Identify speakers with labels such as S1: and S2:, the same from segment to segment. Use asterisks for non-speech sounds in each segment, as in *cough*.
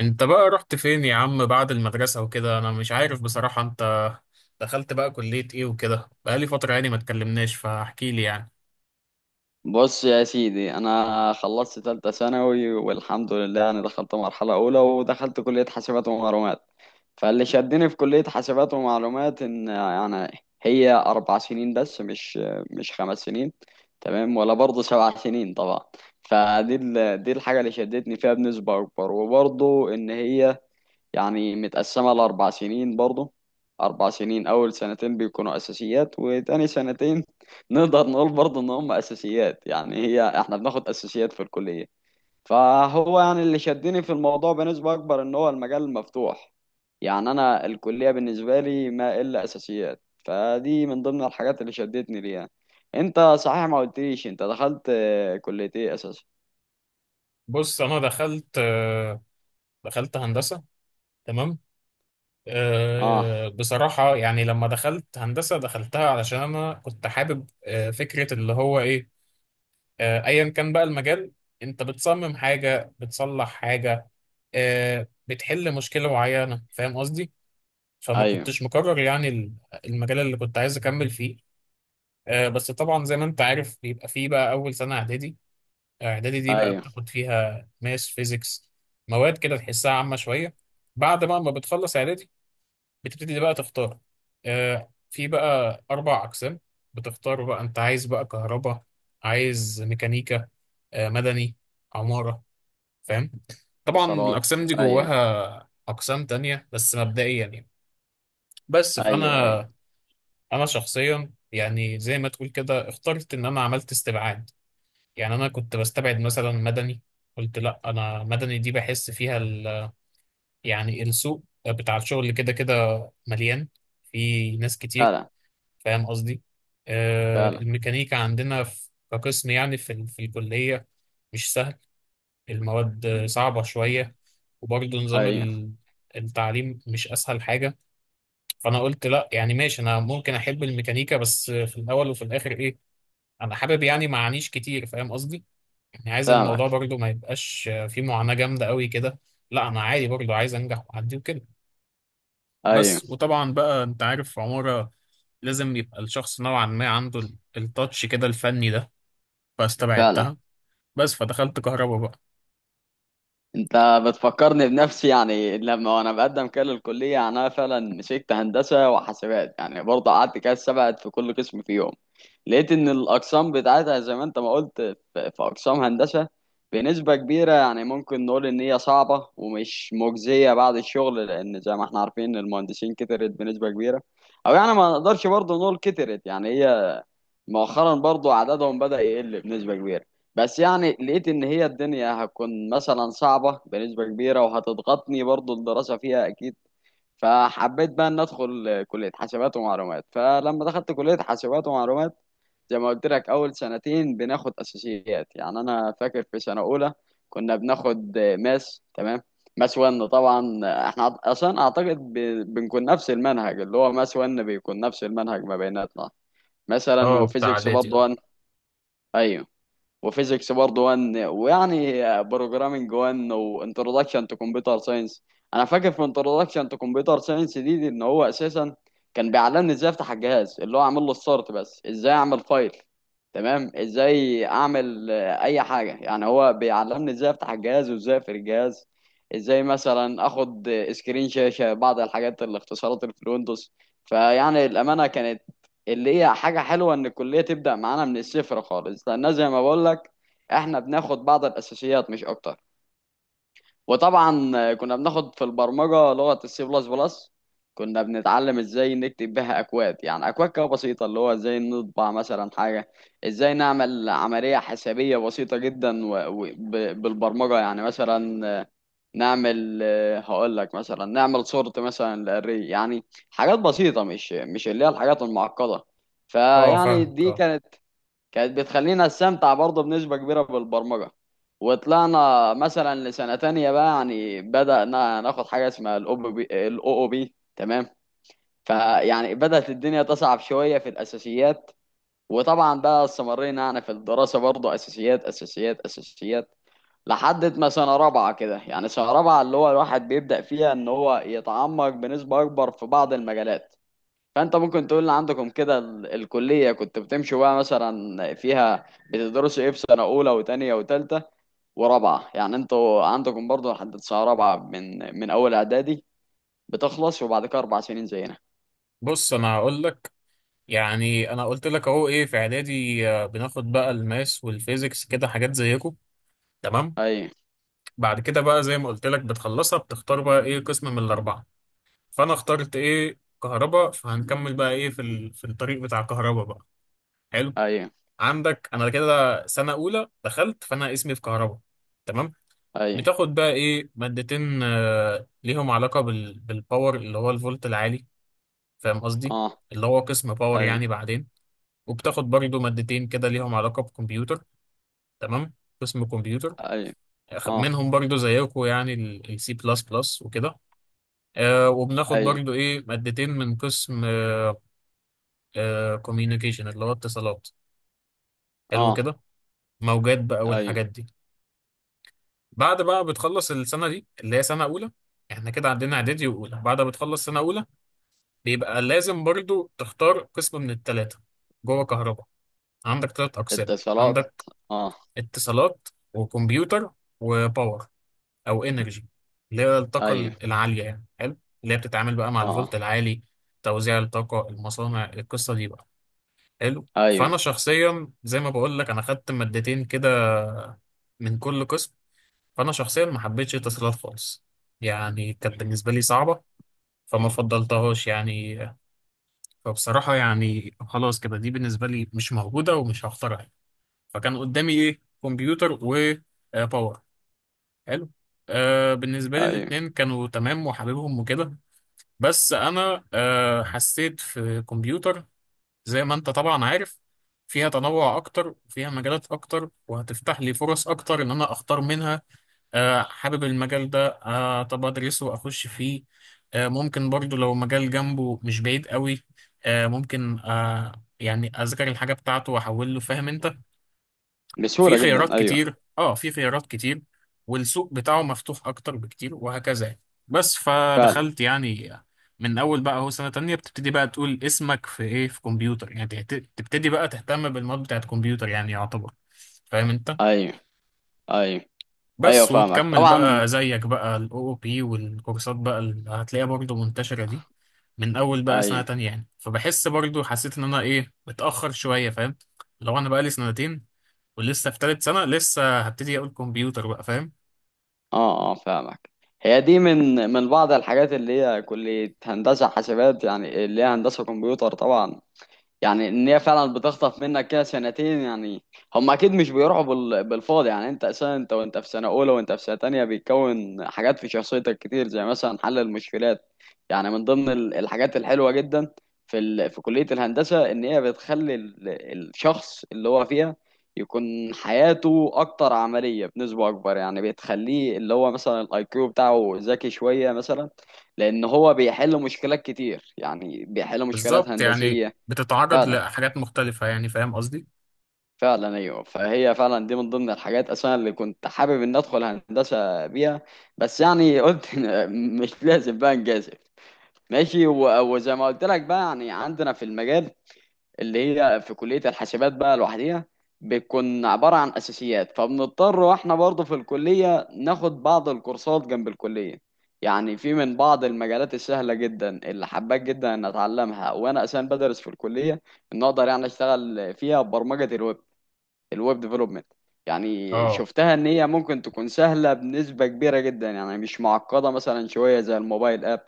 S1: انت بقى رحت فين يا عم بعد المدرسة وكده؟ انا مش عارف بصراحة انت دخلت بقى كلية ايه، وكده بقالي فترة يعني ما اتكلمناش، فاحكي لي يعني.
S2: بص يا سيدي، انا خلصت ثالثه ثانوي والحمد لله. انا دخلت مرحله اولى ودخلت كليه حاسبات ومعلومات. فاللي شدني في كليه حاسبات ومعلومات ان يعني هي اربع سنين بس، مش خمس سنين، تمام، ولا برضه سبع سنين طبعا. فدي دي الحاجه اللي شدتني فيها بنسبه اكبر. وبرضه ان هي يعني متقسمة لأربع سنين برضه، أربع سنين. أول سنتين بيكونوا أساسيات، وتاني سنتين *laughs* نقدر نقول برضه إن هم أساسيات، يعني هي إحنا بناخد أساسيات في الكلية. فهو يعني اللي شدني في الموضوع بنسبة أكبر إن هو المجال مفتوح. يعني أنا الكلية بالنسبة لي ما إلا أساسيات، فدي من ضمن الحاجات اللي شدتني ليها. أنت صحيح ما قلتليش أنت دخلت كلية إيه أساسا؟
S1: بص، انا دخلت هندسة. تمام.
S2: آه.
S1: بصراحة يعني لما دخلت هندسة دخلتها علشان انا كنت حابب فكرة اللي هو ايه. ايا كان بقى المجال. انت بتصمم حاجة، بتصلح حاجة، بتحل مشكلة معينة. فاهم قصدي؟ فما
S2: أيوه.
S1: كنتش مقرر يعني المجال اللي كنت عايز اكمل فيه. بس طبعا زي ما انت عارف بيبقى فيه بقى اول سنه اعدادي. اعدادي دي بقى
S2: أيوه.
S1: بتاخد فيها ماس فيزيكس، مواد كده تحسها عامه شويه. بعد بقى ما بتخلص اعدادي بتبتدي بقى تختار. في بقى 4 اقسام. بتختار بقى، انت عايز بقى كهرباء، عايز ميكانيكا، مدني، عماره. فاهم. طبعا
S2: اتصالات.
S1: الاقسام دي
S2: أيوه.
S1: جواها اقسام تانية بس مبدئيا يعني. بس فانا
S2: أيوه. أيوه.
S1: انا شخصيا يعني زي ما تقول كده اخترت ان انا عملت استبعاد. يعني انا كنت بستبعد مثلا مدني. قلت لا، انا مدني دي بحس فيها يعني السوق بتاع الشغل كده كده مليان، في ناس كتير،
S2: فعلا.
S1: فاهم قصدي؟
S2: فعلا،
S1: الميكانيكا عندنا في كقسم يعني في الكلية. مش سهل، المواد صعبة شوية. وبرضه نظام
S2: ايوه،
S1: التعليم مش اسهل حاجة. فانا قلت لا، يعني ماشي، انا ممكن احب الميكانيكا، بس في الاول وفي الاخر ايه. انا حابب يعني معانيش كتير، فاهم قصدي؟ يعني عايز الموضوع
S2: فاهمك.
S1: برضو ما يبقاش فيه معاناة جامدة قوي كده. لا انا عادي برضو، عايز انجح واعدي وكده.
S2: ايوه.
S1: بس وطبعا بقى انت عارف عمارة لازم يبقى الشخص نوعا ما عنده التاتش كده الفني ده.
S2: فعلا.
S1: فاستبعدتها. بس فدخلت كهربا بقى.
S2: انت بتفكرني بنفسي يعني. لما وانا بقدم كده للكليه، يعني انا فعلا مسكت هندسه وحاسبات، يعني برضه قعدت كده سبعت في كل قسم في يوم. لقيت ان الاقسام بتاعتها زي ما انت ما قلت في اقسام هندسه بنسبه كبيره، يعني ممكن نقول ان هي صعبه ومش مجزيه بعد الشغل، لان زي ما احنا عارفين المهندسين كترت بنسبه كبيره. او يعني ما نقدرش برضه نقول كترت، يعني هي مؤخرا برضو عددهم بدأ يقل بنسبة كبيرة. بس يعني لقيت ان هي الدنيا هتكون مثلا صعبة بنسبة كبيرة وهتضغطني برضو الدراسة فيها اكيد. فحبيت بقى ان ادخل كلية حاسبات ومعلومات. فلما دخلت كلية حاسبات ومعلومات، زي ما قلت لك، اول سنتين بناخد اساسيات. يعني انا فاكر في سنة اولى كنا بناخد ماس، تمام، ماس 1 طبعا. احنا اصلا اعتقد بنكون نفس المنهج. اللي هو ماس 1 بيكون نفس المنهج ما بيناتنا مثلا.
S1: اه، بتاع
S2: وفيزيكس
S1: اعدادي، اه.
S2: برضه، ايوه، وفيزيكس برضه 1، ويعني بروجرامنج 1 وانتروداكشن تو كمبيوتر ساينس. انا فاكر في انتروداكشن تو كمبيوتر ساينس دي ان هو اساسا كان بيعلمني ازاي افتح الجهاز، اللي هو اعمل له ستارت بس، ازاي اعمل فايل، تمام، ازاي اعمل اي حاجه. يعني هو بيعلمني ازاي افتح الجهاز وازاي اقفل الجهاز، ازاي مثلا اخد سكرين شاشه، بعض الحاجات الاختصارات اللي في الويندوز. فيعني الامانه كانت، اللي هي حاجة حلوة، إن الكلية تبدأ معانا من الصفر خالص، لأن زي ما بقول لك إحنا بناخد بعض الأساسيات مش أكتر. وطبعا كنا بناخد في البرمجة لغة السي بلس بلس، كنا بنتعلم إزاي نكتب بها أكواد، يعني أكواد كده بسيطة، اللي هو إزاي نطبع مثلا حاجة، إزاي نعمل عملية حسابية بسيطة جدا، و... ب... بالبرمجة يعني مثلا نعمل، هقول لك مثلا، نعمل صورة مثلا للري يعني، حاجات بسيطة، مش اللي هي الحاجات المعقدة.
S1: اه
S2: فيعني
S1: فاهمك،
S2: دي
S1: اه.
S2: كانت، كانت بتخلينا نستمتع برضه بنسبة كبيرة بالبرمجة. وطلعنا مثلا لسنة تانية بقى، يعني بدأنا ناخد حاجة اسمها الأو بي، الأو بي، تمام. فيعني بدأت الدنيا تصعب شوية في الأساسيات. وطبعا بقى استمرينا يعني في الدراسة برضه أساسيات أساسيات أساسيات، لحد ما سنة رابعة كده. يعني سنة رابعة اللي هو الواحد بيبدأ فيها إن هو يتعمق بنسبة أكبر في بعض المجالات. فأنت ممكن تقول لي عندكم كده الكلية كنت بتمشوا بقى مثلا فيها، بتدرسوا إيه في سنة أولى وتانية وتالتة ورابعة؟ يعني أنتوا عندكم برضو لحد سنة رابعة، من أول إعدادي بتخلص، وبعد كده أربع سنين زينا؟
S1: بص انا هقول لك. يعني انا قلت لك اهو ايه في اعدادي، بناخد بقى الماس والفيزيكس كده حاجات زيكم. تمام.
S2: أيوه.
S1: بعد كده بقى زي ما قلت لك بتخلصها، بتختار بقى ايه قسم من الاربعه. فانا اخترت ايه كهرباء، فهنكمل بقى ايه في الطريق بتاع كهرباء بقى. حلو.
S2: أيوه.
S1: عندك انا كده سنه اولى دخلت فانا اسمي في كهرباء. تمام.
S2: أيوه.
S1: بتاخد بقى ايه مادتين ليهم علاقه بالباور اللي هو الفولت العالي، فاهم قصدي؟
S2: أه.
S1: اللي هو قسم باور
S2: أيوه.
S1: يعني، بعدين. وبتاخد برضو مادتين كده ليهم علاقه بكمبيوتر. تمام، قسم كمبيوتر.
S2: أيوه. أه.
S1: منهم برضو زيكم يعني السي بلس بلس وكده. وبناخد
S2: أيوه.
S1: برضو ايه مادتين من قسم كوميونيكيشن اللي هو اتصالات. حلو
S2: أه.
S1: كده. موجات بقى
S2: أيوه.
S1: والحاجات دي. بعد بقى بتخلص السنة دي اللي هي سنة أولى، احنا كده عندنا إعدادي وأولى. بعد ما بتخلص سنة أولى بيبقى لازم برضو تختار قسم من التلاتة جوه كهرباء. عندك تلات أقسام.
S2: اتصالات.
S1: عندك
S2: أه.
S1: اتصالات وكمبيوتر وباور أو إنرجي اللي هي الطاقة
S2: أيوه.
S1: العالية يعني. حلو. اللي هي بتتعامل بقى مع
S2: أه.
S1: الفولت العالي، توزيع الطاقة، المصانع، القصة دي بقى. حلو.
S2: أيوه.
S1: فانا شخصيا زي ما بقول لك انا خدت مادتين كده من كل قسم. فانا شخصيا ما حبيتش اتصالات خالص، يعني كانت بالنسبه لي صعبه فما فضلتهاش يعني. فبصراحه يعني خلاص كده، دي بالنسبه لي مش موجوده ومش هختارها. فكان قدامي ايه، كمبيوتر وباور. حلو. بالنسبه لي
S2: ايوه.
S1: الاتنين كانوا تمام وحاببهم وكده. بس انا حسيت في كمبيوتر زي ما انت طبعا عارف، فيها تنوع اكتر وفيها مجالات اكتر وهتفتح لي فرص اكتر ان انا اختار منها. حابب المجال ده. طب ادرسه واخش فيه. ممكن برضو لو مجال جنبه مش بعيد قوي، ممكن، يعني اذاكر الحاجة بتاعته واحول له، فاهم انت؟ في
S2: بسهولة جدا،
S1: خيارات
S2: ايوه.
S1: كتير، في خيارات كتير. والسوق بتاعه مفتوح اكتر بكتير وهكذا يعني. بس
S2: فعلا.
S1: فدخلت يعني. من اول بقى هو سنة تانية بتبتدي بقى تقول اسمك في ايه في كمبيوتر يعني، تبتدي بقى تهتم بالمواد بتاعت كمبيوتر، يعني يعتبر. فاهم انت؟
S2: ايوه. ايوه. ايوه،
S1: بس
S2: فاهمك
S1: وتكمل
S2: طبعا.
S1: بقى زيك بقى الاو او بي والكورسات بقى اللي هتلاقيها برضه منتشرة دي. من اول بقى سنة
S2: ايوه.
S1: تانية يعني، فبحس برضه حسيت ان انا ايه متأخر شوية، فاهم؟ لو انا بقى لي سنتين ولسه في تالت سنة لسه هبتدي أقول كمبيوتر بقى، فاهم؟
S2: اه. اه، فاهمك. هي دي من بعض الحاجات اللي هي كلية هندسة حاسبات، يعني اللي هي هندسة كمبيوتر طبعا. يعني ان هي فعلا بتخطف منك كده سنتين يعني. هم اكيد مش بيروحوا بالفاضي. يعني انت اساسا، انت وانت في سنه اولى وانت في سنه تانية، بيتكون حاجات في شخصيتك كتير زي مثلا حل المشكلات. يعني من ضمن الحاجات الحلوه جدا في كليه الهندسه ان هي الشخص اللي هو فيها يكون حياته اكتر عمليه بنسبه اكبر. يعني بتخليه اللي هو مثلا الاي كيو بتاعه ذكي شويه مثلا، لان هو بيحل مشكلات كتير، يعني بيحل مشكلات
S1: بالظبط يعني،
S2: هندسيه.
S1: بتتعرض
S2: فعلا.
S1: لحاجات مختلفة يعني، فاهم قصدي؟
S2: فعلا، ايوه. فهي فعلا دي من ضمن الحاجات اصلا اللي كنت حابب ان ادخل هندسه بيها، بس يعني قلت *laughs* مش لازم بقى نجازف، ماشي. وزي ما قلت لك بقى، يعني عندنا في المجال اللي هي في كليه الحاسبات بقى لوحديها بتكون عباره عن اساسيات، فبنضطر واحنا برضه في الكليه ناخد بعض الكورسات جنب الكليه. يعني في من بعض المجالات السهله جدا اللي حبيت جدا ان اتعلمها وانا اساسا بدرس في الكليه، ان اقدر يعني اشتغل فيها برمجه الويب، الويب ديفلوبمنت. يعني
S1: اه.
S2: شفتها ان هي ممكن تكون سهله بنسبه كبيره جدا، يعني مش معقده مثلا شويه زي الموبايل اب،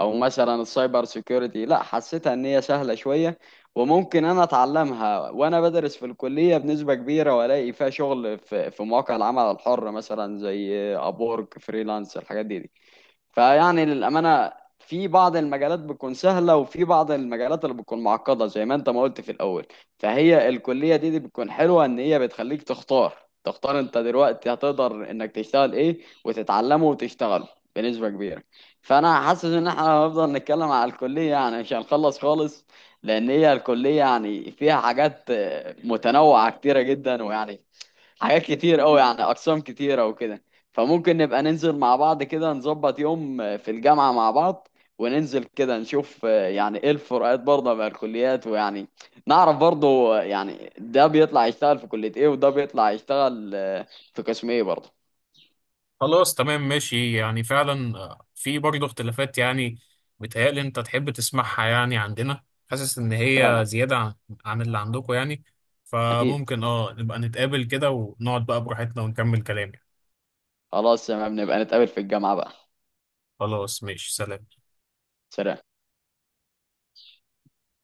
S2: او مثلا السايبر سيكيورتي، لا حسيتها ان هي سهله شويه. وممكن انا اتعلمها وانا بدرس في الكليه بنسبه كبيره، والاقي فيها شغل في مواقع العمل الحر مثلا زي ابورك فريلانس الحاجات دي. فيعني للأمانة، في بعض المجالات بتكون سهلة وفي بعض المجالات اللي بتكون معقدة زي ما انت ما قلت في الأول. فهي الكلية دي بتكون حلوة ان هي بتخليك تختار، تختار انت دلوقتي هتقدر انك تشتغل ايه وتتعلمه وتشتغله بنسبة كبيرة. فانا حاسس ان احنا هنفضل نتكلم على الكلية يعني، مش هنخلص خالص، لان هي الكلية يعني فيها حاجات متنوعة كتيرة جدا، ويعني حاجات كتير قوي، يعني اقسام كتيره وكده. فممكن نبقى ننزل مع بعض كده، نظبط يوم في الجامعه مع بعض وننزل كده نشوف يعني ايه الفروقات برضه بين الكليات، ويعني نعرف برضه يعني ده بيطلع يشتغل في كليه ايه وده بيطلع يشتغل في قسم ايه برضه.
S1: خلاص تمام ماشي يعني، فعلا في برضه اختلافات يعني. بيتهيألي أنت تحب تسمعها، يعني عندنا حاسس إن هي
S2: فعلا.
S1: زيادة عن اللي عندكم يعني.
S2: اكيد.
S1: فممكن نبقى نتقابل كده ونقعد بقى براحتنا ونكمل كلام يعني.
S2: خلاص تمام، نبقى نتقابل في الجامعه بقى.
S1: خلاص ماشي، سلام.
S2: سلام.